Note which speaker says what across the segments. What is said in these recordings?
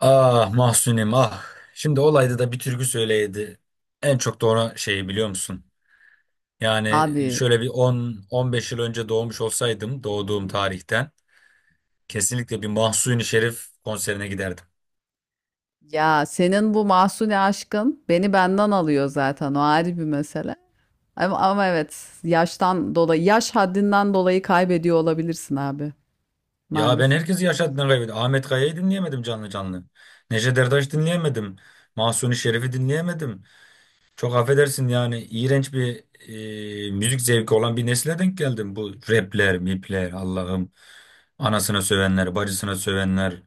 Speaker 1: Ah Mahsunim ah. Şimdi olayda da bir türkü söyleydi. En çok da şeyi biliyor musun? Yani
Speaker 2: Abi
Speaker 1: Şöyle bir 10-15 yıl önce doğmuş olsaydım doğduğum tarihten kesinlikle bir Mahsuni Şerif konserine giderdim.
Speaker 2: ya senin bu Mahsuni aşkın beni benden alıyor zaten o ayrı bir mesele. Ama evet yaştan dolayı yaş haddinden dolayı kaybediyor olabilirsin abi
Speaker 1: Ya ben
Speaker 2: maalesef.
Speaker 1: herkesi yaşadığından kaybettim. Ahmet Kaya'yı dinleyemedim canlı canlı. Neşet Ertaş dinleyemedim. Mahsuni Şerif'i dinleyemedim. Çok affedersin yani iğrenç bir müzik zevki olan bir nesile denk geldim. Bu rapler, mipler Allah'ım. Anasına sövenler, bacısına sövenler.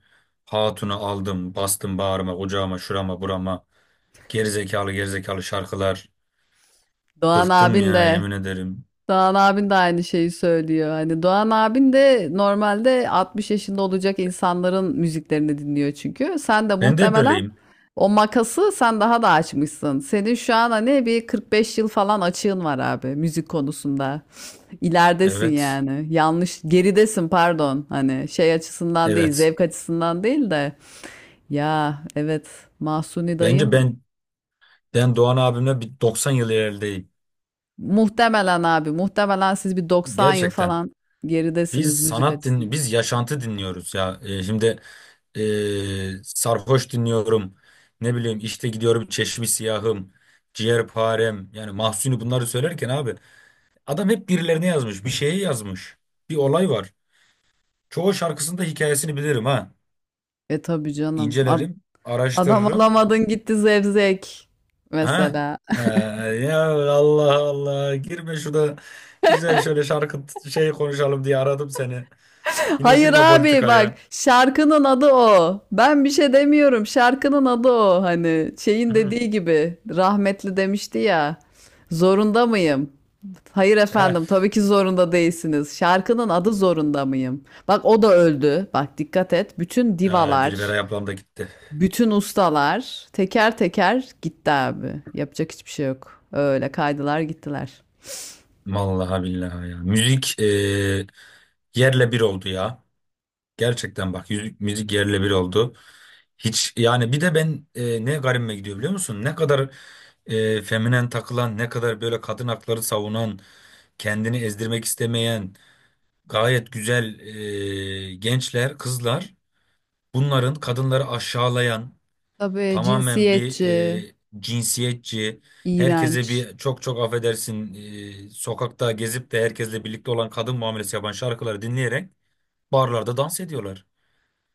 Speaker 1: Hatunu aldım, bastım bağrıma, kucağıma, şurama, burama. Gerizekalı gerizekalı şarkılar.
Speaker 2: Doğan
Speaker 1: Bıktım
Speaker 2: abin
Speaker 1: ya
Speaker 2: de
Speaker 1: yemin ederim.
Speaker 2: Doğan abin de aynı şeyi söylüyor. Hani Doğan abin de normalde 60 yaşında olacak insanların müziklerini dinliyor çünkü. Sen de
Speaker 1: Ben de hep
Speaker 2: muhtemelen
Speaker 1: öyleyim.
Speaker 2: o makası sen daha da açmışsın. Senin şu an hani bir 45 yıl falan açığın var abi müzik konusunda. İleridesin
Speaker 1: Evet.
Speaker 2: yani. Yanlış, geridesin pardon. Hani şey açısından değil,
Speaker 1: Evet.
Speaker 2: zevk açısından değil de. Ya evet, Mahsuni
Speaker 1: Bence
Speaker 2: dayım
Speaker 1: ben Doğan abimle bir 90 yıl ilerideyim.
Speaker 2: muhtemelen abi, muhtemelen siz bir 90 yıl
Speaker 1: Gerçekten.
Speaker 2: falan
Speaker 1: Biz
Speaker 2: geridesiniz müzik
Speaker 1: sanat din,
Speaker 2: açısından.
Speaker 1: biz yaşantı dinliyoruz ya. Şimdi sarhoş dinliyorum. Ne bileyim işte gidiyorum Çeşmi Siyahım, Ciğerparem. Yani Mahsuni bunları söylerken abi, adam hep birilerine yazmış, bir şeye yazmış. Bir olay var. Çoğu şarkısında hikayesini bilirim ha.
Speaker 2: E tabii canım. Ad-
Speaker 1: İncelerim,
Speaker 2: adam
Speaker 1: araştırırım.
Speaker 2: alamadın gitti zevzek
Speaker 1: Ha?
Speaker 2: mesela.
Speaker 1: Ya Allah Allah girme şurada, güzel şöyle şarkı şey konuşalım diye aradım seni. Yine
Speaker 2: Hayır
Speaker 1: girme
Speaker 2: abi bak
Speaker 1: politikaya.
Speaker 2: şarkının adı o. Ben bir şey demiyorum. Şarkının adı o. Hani şeyin
Speaker 1: Hı.
Speaker 2: dediği gibi rahmetli demişti ya. Zorunda mıyım? Hayır efendim
Speaker 1: Heh.
Speaker 2: tabii ki zorunda değilsiniz. Şarkının adı zorunda mıyım? Bak o da öldü. Bak dikkat et. Bütün
Speaker 1: Aa,
Speaker 2: divalar,
Speaker 1: Dilberay ablam da gitti.
Speaker 2: bütün ustalar teker teker gitti abi. Yapacak hiçbir şey yok. Öyle kaydılar gittiler.
Speaker 1: Vallahi billahi ya. Müzik yerle bir oldu ya. Gerçekten bak yüzük, müzik yerle bir oldu. Hiç yani bir de ben, ne garibime gidiyor biliyor musun? Ne kadar feminen takılan, ne kadar böyle kadın hakları savunan, kendini ezdirmek istemeyen, gayet güzel gençler, kızlar, bunların kadınları aşağılayan,
Speaker 2: Tabii
Speaker 1: tamamen bir
Speaker 2: cinsiyetçi,
Speaker 1: cinsiyetçi,
Speaker 2: iğrenç.
Speaker 1: herkese bir çok çok affedersin, sokakta gezip de herkesle birlikte olan kadın muamelesi yapan şarkıları dinleyerek barlarda dans ediyorlar.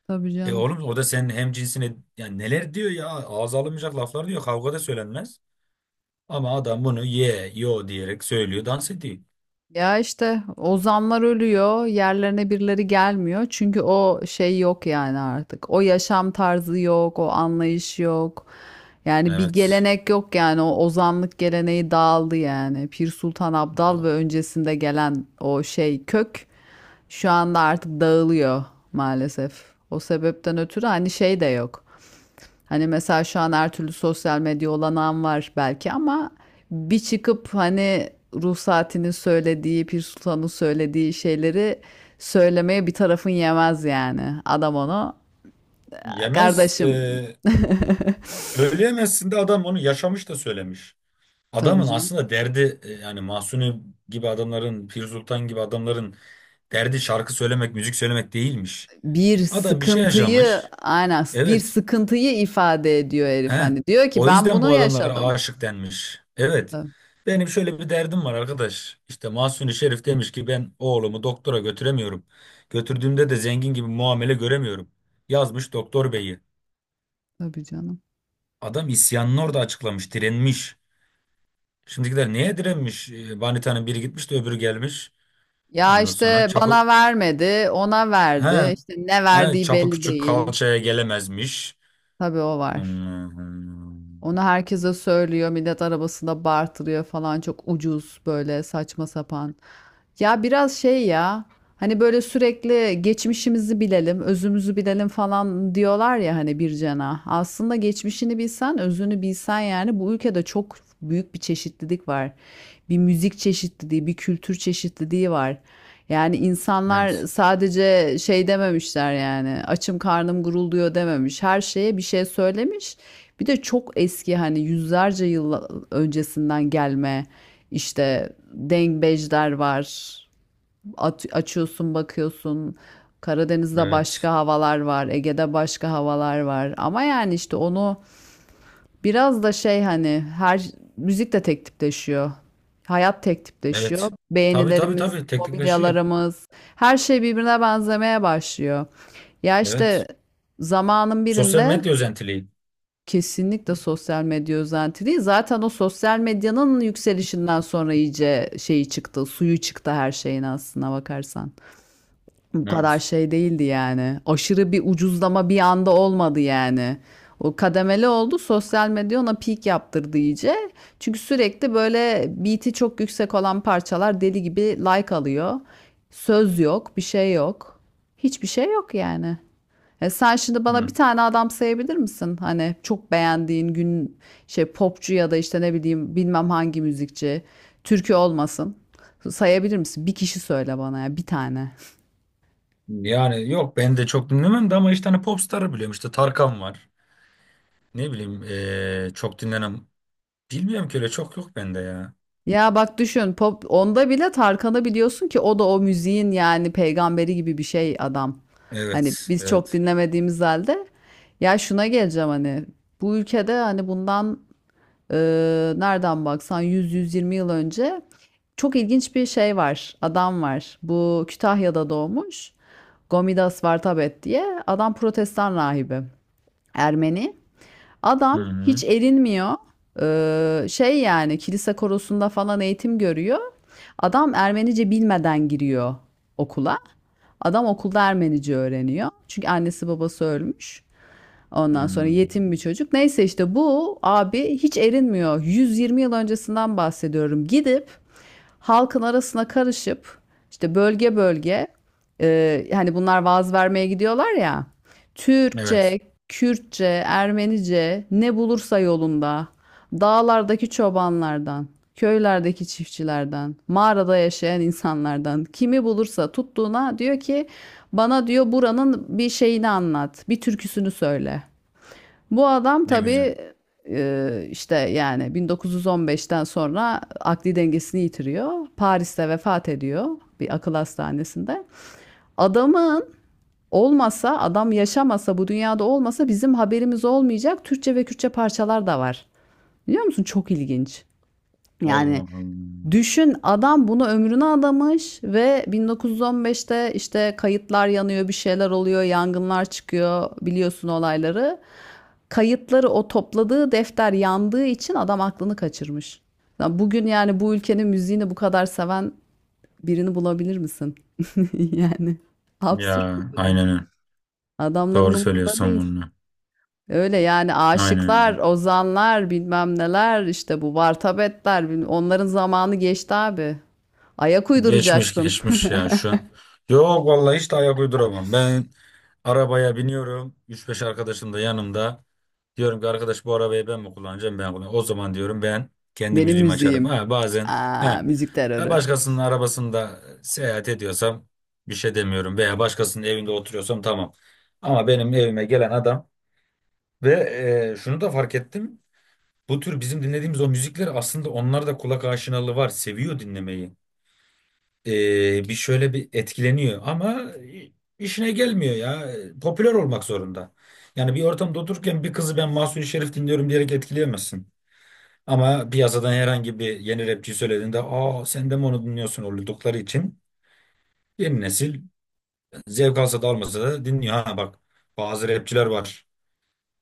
Speaker 2: Tabii
Speaker 1: E
Speaker 2: canım.
Speaker 1: oğlum, o da senin hem cinsine. Yani neler diyor ya, ağza alınmayacak laflar diyor, kavgada söylenmez. Ama adam bunu ye yo diyerek söylüyor, dans ediyor.
Speaker 2: Ya işte ozanlar ölüyor, yerlerine birileri gelmiyor. Çünkü o şey yok yani artık. O yaşam tarzı yok, o anlayış yok. Yani bir
Speaker 1: Evet.
Speaker 2: gelenek yok yani o ozanlık geleneği dağıldı yani. Pir Sultan Abdal ve öncesinde gelen o şey kök şu anda artık dağılıyor maalesef. O sebepten ötürü hani şey de yok. Hani mesela şu an her türlü sosyal medya olanağım var belki ama bir çıkıp hani ruh saatinin söylediği, Pir Sultan'ın söylediği şeyleri söylemeye bir tarafın yemez yani. Adam onu
Speaker 1: Yemez,
Speaker 2: kardeşim
Speaker 1: öyle yemezsin de adam onu yaşamış da söylemiş.
Speaker 2: tabii
Speaker 1: Adamın
Speaker 2: canım.
Speaker 1: aslında derdi, yani Mahsuni gibi adamların, Pir Sultan gibi adamların derdi şarkı söylemek, müzik söylemek değilmiş.
Speaker 2: Bir
Speaker 1: Adam bir şey
Speaker 2: sıkıntıyı
Speaker 1: yaşamış.
Speaker 2: aynen bir
Speaker 1: Evet.
Speaker 2: sıkıntıyı ifade ediyor herif
Speaker 1: He,
Speaker 2: hani. Diyor ki
Speaker 1: o
Speaker 2: ben
Speaker 1: yüzden
Speaker 2: bunu
Speaker 1: bu adamlara
Speaker 2: yaşadım.
Speaker 1: aşık denmiş. Evet.
Speaker 2: Ta-
Speaker 1: Benim şöyle bir derdim var arkadaş. İşte Mahsuni Şerif demiş ki ben oğlumu doktora götüremiyorum. Götürdüğümde de zengin gibi muamele göremiyorum. Yazmış doktor beyi.
Speaker 2: Tabii canım.
Speaker 1: Adam isyanını orada açıklamış, direnmiş. Şimdikiler neye direnmiş? E, Vanita'nın biri gitmiş de öbürü gelmiş.
Speaker 2: Ya
Speaker 1: Ondan sonra
Speaker 2: işte
Speaker 1: çapı...
Speaker 2: bana vermedi, ona
Speaker 1: He,
Speaker 2: verdi. İşte ne
Speaker 1: he,
Speaker 2: verdiği
Speaker 1: çapı
Speaker 2: belli
Speaker 1: küçük
Speaker 2: değil.
Speaker 1: kalçaya gelemezmiş.
Speaker 2: Tabii o var.
Speaker 1: Allah'ım.
Speaker 2: Onu herkese söylüyor. Millet arabasında bartırıyor falan. Çok ucuz böyle saçma sapan. Ya biraz şey ya. Hani böyle sürekli geçmişimizi bilelim, özümüzü bilelim falan diyorlar ya hani bir cana. Aslında geçmişini bilsen, özünü bilsen yani bu ülkede çok büyük bir çeşitlilik var. Bir müzik çeşitliliği, bir kültür çeşitliliği var. Yani insanlar
Speaker 1: Evet,
Speaker 2: sadece şey dememişler yani açım karnım gurulduyor dememiş. Her şeye bir şey söylemiş. Bir de çok eski hani yüzlerce yıl öncesinden gelme işte dengbejler var. Açıyorsun bakıyorsun. Karadeniz'de
Speaker 1: evet,
Speaker 2: başka havalar var, Ege'de başka havalar var. Ama yani işte onu biraz da şey hani her müzik de tek tipleşiyor. Hayat tek tipleşiyor.
Speaker 1: evet. Tabii tabii
Speaker 2: Beğenilerimiz,
Speaker 1: tabii teknikleşiyor.
Speaker 2: mobilyalarımız, her şey birbirine benzemeye başlıyor. Ya işte
Speaker 1: Evet.
Speaker 2: zamanın
Speaker 1: Sosyal
Speaker 2: birinde
Speaker 1: medya özentiliği.
Speaker 2: kesinlikle sosyal medya özenti. Zaten o sosyal medyanın yükselişinden sonra iyice şeyi çıktı, suyu çıktı her şeyin aslına bakarsan. Bu kadar
Speaker 1: Evet.
Speaker 2: şey değildi yani. Aşırı bir ucuzlama bir anda olmadı yani. O kademeli oldu. Sosyal medya ona peak yaptırdı iyice. Çünkü sürekli böyle beat'i çok yüksek olan parçalar deli gibi like alıyor. Söz yok, bir şey yok. Hiçbir şey yok yani. E sen şimdi bana bir
Speaker 1: Hı.
Speaker 2: tane adam sayabilir misin? Hani çok beğendiğin gün şey popçu ya da işte ne bileyim bilmem hangi müzikçi. Türkü olmasın. Sayabilir misin? Bir kişi söyle bana ya bir tane.
Speaker 1: Yani yok, ben de çok dinlemem de ama işte hani popstarı biliyorum. İşte Tarkan var. Ne bileyim, çok dinlenem. Bilmiyorum ki, öyle çok yok bende ya.
Speaker 2: Ya bak düşün pop onda bile Tarkan'ı biliyorsun ki o da o müziğin yani peygamberi gibi bir şey adam. Hani
Speaker 1: Evet.
Speaker 2: biz çok
Speaker 1: Evet.
Speaker 2: dinlemediğimiz halde ya şuna geleceğim hani bu ülkede hani bundan nereden baksan 100-120 yıl önce çok ilginç bir şey var. Adam var. Bu Kütahya'da doğmuş. Gomidas Vartabet diye. Adam protestan rahibi. Ermeni.
Speaker 1: Hı
Speaker 2: Adam hiç
Speaker 1: hı.
Speaker 2: erinmiyor. Şey yani kilise korosunda falan eğitim görüyor. Adam Ermenice bilmeden giriyor okula. Adam okulda Ermenice öğreniyor. Çünkü annesi babası ölmüş. Ondan sonra
Speaker 1: Hı.
Speaker 2: yetim bir çocuk. Neyse işte bu abi hiç erinmiyor. 120 yıl öncesinden bahsediyorum. Gidip halkın arasına karışıp işte bölge bölge hani bunlar vaaz vermeye gidiyorlar ya.
Speaker 1: Evet.
Speaker 2: Türkçe, Kürtçe, Ermenice ne bulursa yolunda. Dağlardaki çobanlardan, köylerdeki çiftçilerden, mağarada yaşayan insanlardan kimi bulursa tuttuğuna diyor ki bana diyor buranın bir şeyini anlat, bir türküsünü söyle. Bu adam
Speaker 1: Ne güzel.
Speaker 2: tabii işte yani 1915'ten sonra akli dengesini yitiriyor. Paris'te vefat ediyor bir akıl hastanesinde. Adamın olmasa, adam yaşamasa, bu dünyada olmasa bizim haberimiz olmayacak Türkçe ve Kürtçe parçalar da var. Biliyor musun? Çok ilginç.
Speaker 1: Allah
Speaker 2: Yani
Speaker 1: Allah.
Speaker 2: düşün adam bunu ömrüne adamış ve 1915'te işte kayıtlar yanıyor, bir şeyler oluyor, yangınlar çıkıyor biliyorsun olayları. Kayıtları o topladığı defter yandığı için adam aklını kaçırmış. Bugün yani bu ülkenin müziğini bu kadar seven birini bulabilir misin? Yani absürt
Speaker 1: Ya
Speaker 2: bir durum.
Speaker 1: aynen öyle.
Speaker 2: Adamların
Speaker 1: Doğru
Speaker 2: umurunda
Speaker 1: söylüyorsun
Speaker 2: değil.
Speaker 1: bunu.
Speaker 2: Öyle yani
Speaker 1: Aynen öyle.
Speaker 2: aşıklar, ozanlar, bilmem neler işte bu vartabetler, onların zamanı geçti abi. Ayak
Speaker 1: Geçmiş
Speaker 2: uyduracaksın.
Speaker 1: geçmiş yani şu an. Yok vallahi, hiç de ayak uyduramam. Ben arabaya biniyorum, üç beş arkadaşım da yanımda. Diyorum ki arkadaş, bu arabayı ben mi kullanacağım? Ben kullanacağım. O zaman diyorum, ben kendi
Speaker 2: Benim
Speaker 1: müziğimi açarım.
Speaker 2: müziğim.
Speaker 1: Ha, bazen he,
Speaker 2: Müzik
Speaker 1: ha,
Speaker 2: terörü.
Speaker 1: başkasının arabasında seyahat ediyorsam bir şey demiyorum. Veya başkasının evinde oturuyorsam tamam. Ama benim evime gelen adam ve şunu da fark ettim. Bu tür bizim dinlediğimiz o müzikler aslında, onlar da kulak aşinalığı var. Seviyor dinlemeyi. Bir şöyle bir etkileniyor ama işine gelmiyor ya. Popüler olmak zorunda. Yani bir ortamda otururken bir kızı, ben Mahsuni Şerif dinliyorum diyerek etkileyemezsin. Ama piyasadan herhangi bir yeni rapçi söylediğinde aa sen de mi onu dinliyorsun oldukları için, yeni nesil zevk alsa da almasa da dinliyor. Ha bak, bazı rapçiler var.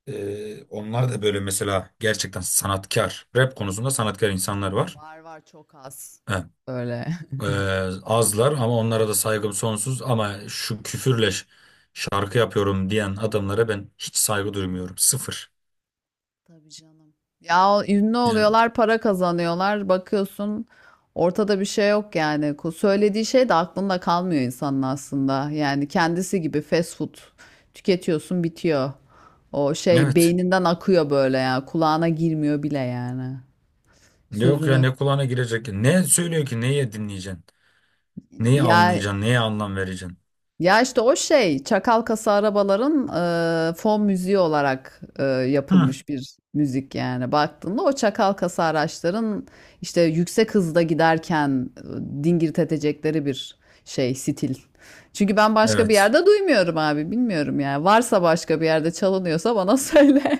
Speaker 1: Onlar da böyle mesela, gerçekten sanatkar, rap konusunda sanatkar insanlar var.
Speaker 2: Var var çok az. Öyle.
Speaker 1: Ee, Azlar ama onlara da saygım sonsuz, ama şu küfürle şarkı yapıyorum diyen adamlara ben hiç saygı duymuyorum. Sıfır.
Speaker 2: Tabii canım. Ya ünlü
Speaker 1: Yani
Speaker 2: oluyorlar, para kazanıyorlar. Bakıyorsun ortada bir şey yok yani. Söylediği şey de aklında kalmıyor insanın aslında. Yani kendisi gibi fast food tüketiyorsun bitiyor. O şey
Speaker 1: evet.
Speaker 2: beyninden akıyor böyle ya. Kulağına girmiyor bile yani.
Speaker 1: Yok ya,
Speaker 2: Sözünü.
Speaker 1: ne kulağına girecek. Ne söylüyor ki neye dinleyeceksin? Neyi
Speaker 2: Ya
Speaker 1: anlayacaksın? Neye anlam vereceksin?
Speaker 2: ya işte o şey çakal kasa arabaların fon müziği olarak
Speaker 1: Hı.
Speaker 2: yapılmış bir müzik yani baktığında o çakal kasa araçların işte yüksek hızda giderken dingir edecekleri bir şey stil. Çünkü ben başka bir
Speaker 1: Evet.
Speaker 2: yerde duymuyorum abi bilmiyorum yani varsa başka bir yerde çalınıyorsa bana söyle.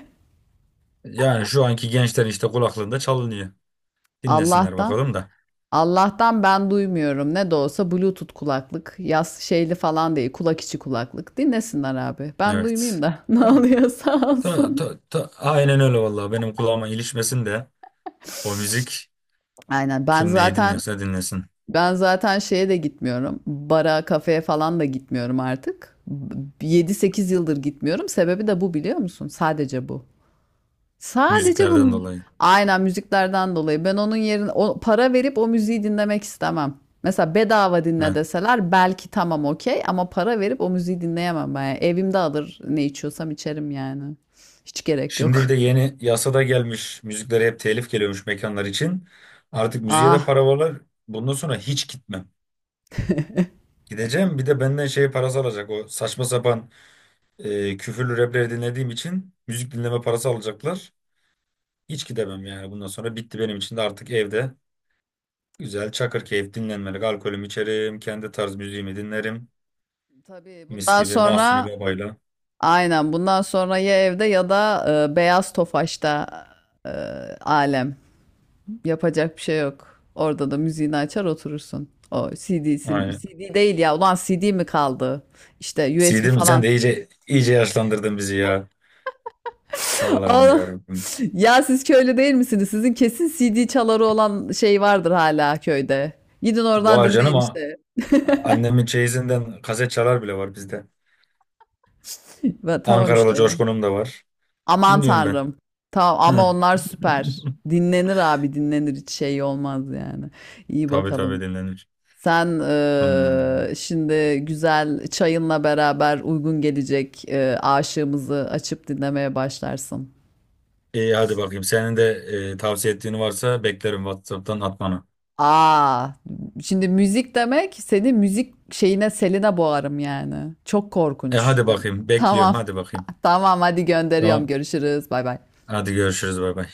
Speaker 1: Yani şu anki gençler işte kulaklığında çalınıyor. Dinlesinler
Speaker 2: Allah'tan.
Speaker 1: bakalım da.
Speaker 2: Allah'tan ben duymuyorum. Ne de olsa Bluetooth kulaklık. Yaz şeyli falan değil. Kulak içi kulaklık. Dinlesinler abi. Ben duymayayım
Speaker 1: Evet.
Speaker 2: da ne
Speaker 1: Ha,
Speaker 2: oluyorsa
Speaker 1: ta,
Speaker 2: olsun.
Speaker 1: ta, ta, aynen öyle vallahi, benim kulağıma ilişmesin de o müzik,
Speaker 2: Aynen. Ben
Speaker 1: kim neyi
Speaker 2: zaten
Speaker 1: dinliyorsa dinlesin.
Speaker 2: ben zaten şeye de gitmiyorum. Bara, kafeye falan da gitmiyorum artık. 7-8 yıldır gitmiyorum. Sebebi de bu biliyor musun? Sadece bu. Sadece
Speaker 1: Müziklerden
Speaker 2: bunun
Speaker 1: dolayı.
Speaker 2: aynen müziklerden dolayı ben onun yerine o, para verip o müziği dinlemek istemem. Mesela bedava dinle
Speaker 1: Evet.
Speaker 2: deseler belki tamam okey ama para verip o müziği dinleyemem ben. Yani evimde alır ne içiyorsam içerim yani. Hiç gerek
Speaker 1: Şimdi
Speaker 2: yok.
Speaker 1: bir de yeni yasada gelmiş, müziklere hep telif geliyormuş mekanlar için. Artık müziğe de
Speaker 2: Ah,
Speaker 1: para varlar. Bundan sonra hiç gitmem. Gideceğim, bir de benden şey parası alacak. O saçma sapan, küfürlü rapleri dinlediğim için müzik dinleme parası alacaklar. Hiç gidemem yani bundan sonra, bitti benim için de. Artık evde güzel çakır keyif dinlenmelik alkolümü içerim. Kendi tarz müziğimi dinlerim.
Speaker 2: tabii
Speaker 1: Mis
Speaker 2: bundan
Speaker 1: gibi Mahsuni
Speaker 2: sonra
Speaker 1: Baba'yla.
Speaker 2: aynen bundan sonra ya evde ya da Beyaz Tofaş'ta e, alem. Yapacak bir şey yok. Orada da müziğini açar oturursun. O CD'si,
Speaker 1: Aynen.
Speaker 2: CD değil ya. Ulan CD mi kaldı? İşte USB
Speaker 1: Sidim sen
Speaker 2: falan.
Speaker 1: de iyice yaşlandırdın bizi ya. Allah'ım
Speaker 2: Aa,
Speaker 1: yarabbim.
Speaker 2: ya siz köylü değil misiniz? Sizin kesin CD çaları olan şey vardır hala köyde. Gidin oradan
Speaker 1: Vay
Speaker 2: dinleyin
Speaker 1: canım,
Speaker 2: işte.
Speaker 1: annemin çeyizinden kaset çalar bile var bizde.
Speaker 2: Ve tamam işte
Speaker 1: Ankaralı
Speaker 2: orada.
Speaker 1: Coşkun'um da var.
Speaker 2: Aman
Speaker 1: Dinliyorum ben.
Speaker 2: tanrım. Tamam ama
Speaker 1: Hı.
Speaker 2: onlar süper. Dinlenir abi dinlenir hiç şey olmaz yani. İyi
Speaker 1: Tabii tabii
Speaker 2: bakalım.
Speaker 1: dinlenir.
Speaker 2: Sen
Speaker 1: Hmm.
Speaker 2: şimdi güzel çayınla beraber uygun gelecek aşığımızı açıp dinlemeye başlarsın.
Speaker 1: İyi hadi bakayım. Senin de tavsiye ettiğin varsa beklerim WhatsApp'tan atmanı.
Speaker 2: Aa, şimdi müzik demek seni müzik şeyine seline boğarım yani. Çok
Speaker 1: E
Speaker 2: korkunç.
Speaker 1: hadi bakayım. Bekliyorum
Speaker 2: Tamam.
Speaker 1: hadi bakayım.
Speaker 2: Tamam hadi gönderiyorum.
Speaker 1: Tamam.
Speaker 2: Görüşürüz. Bay bay.
Speaker 1: Hadi görüşürüz, bay bay.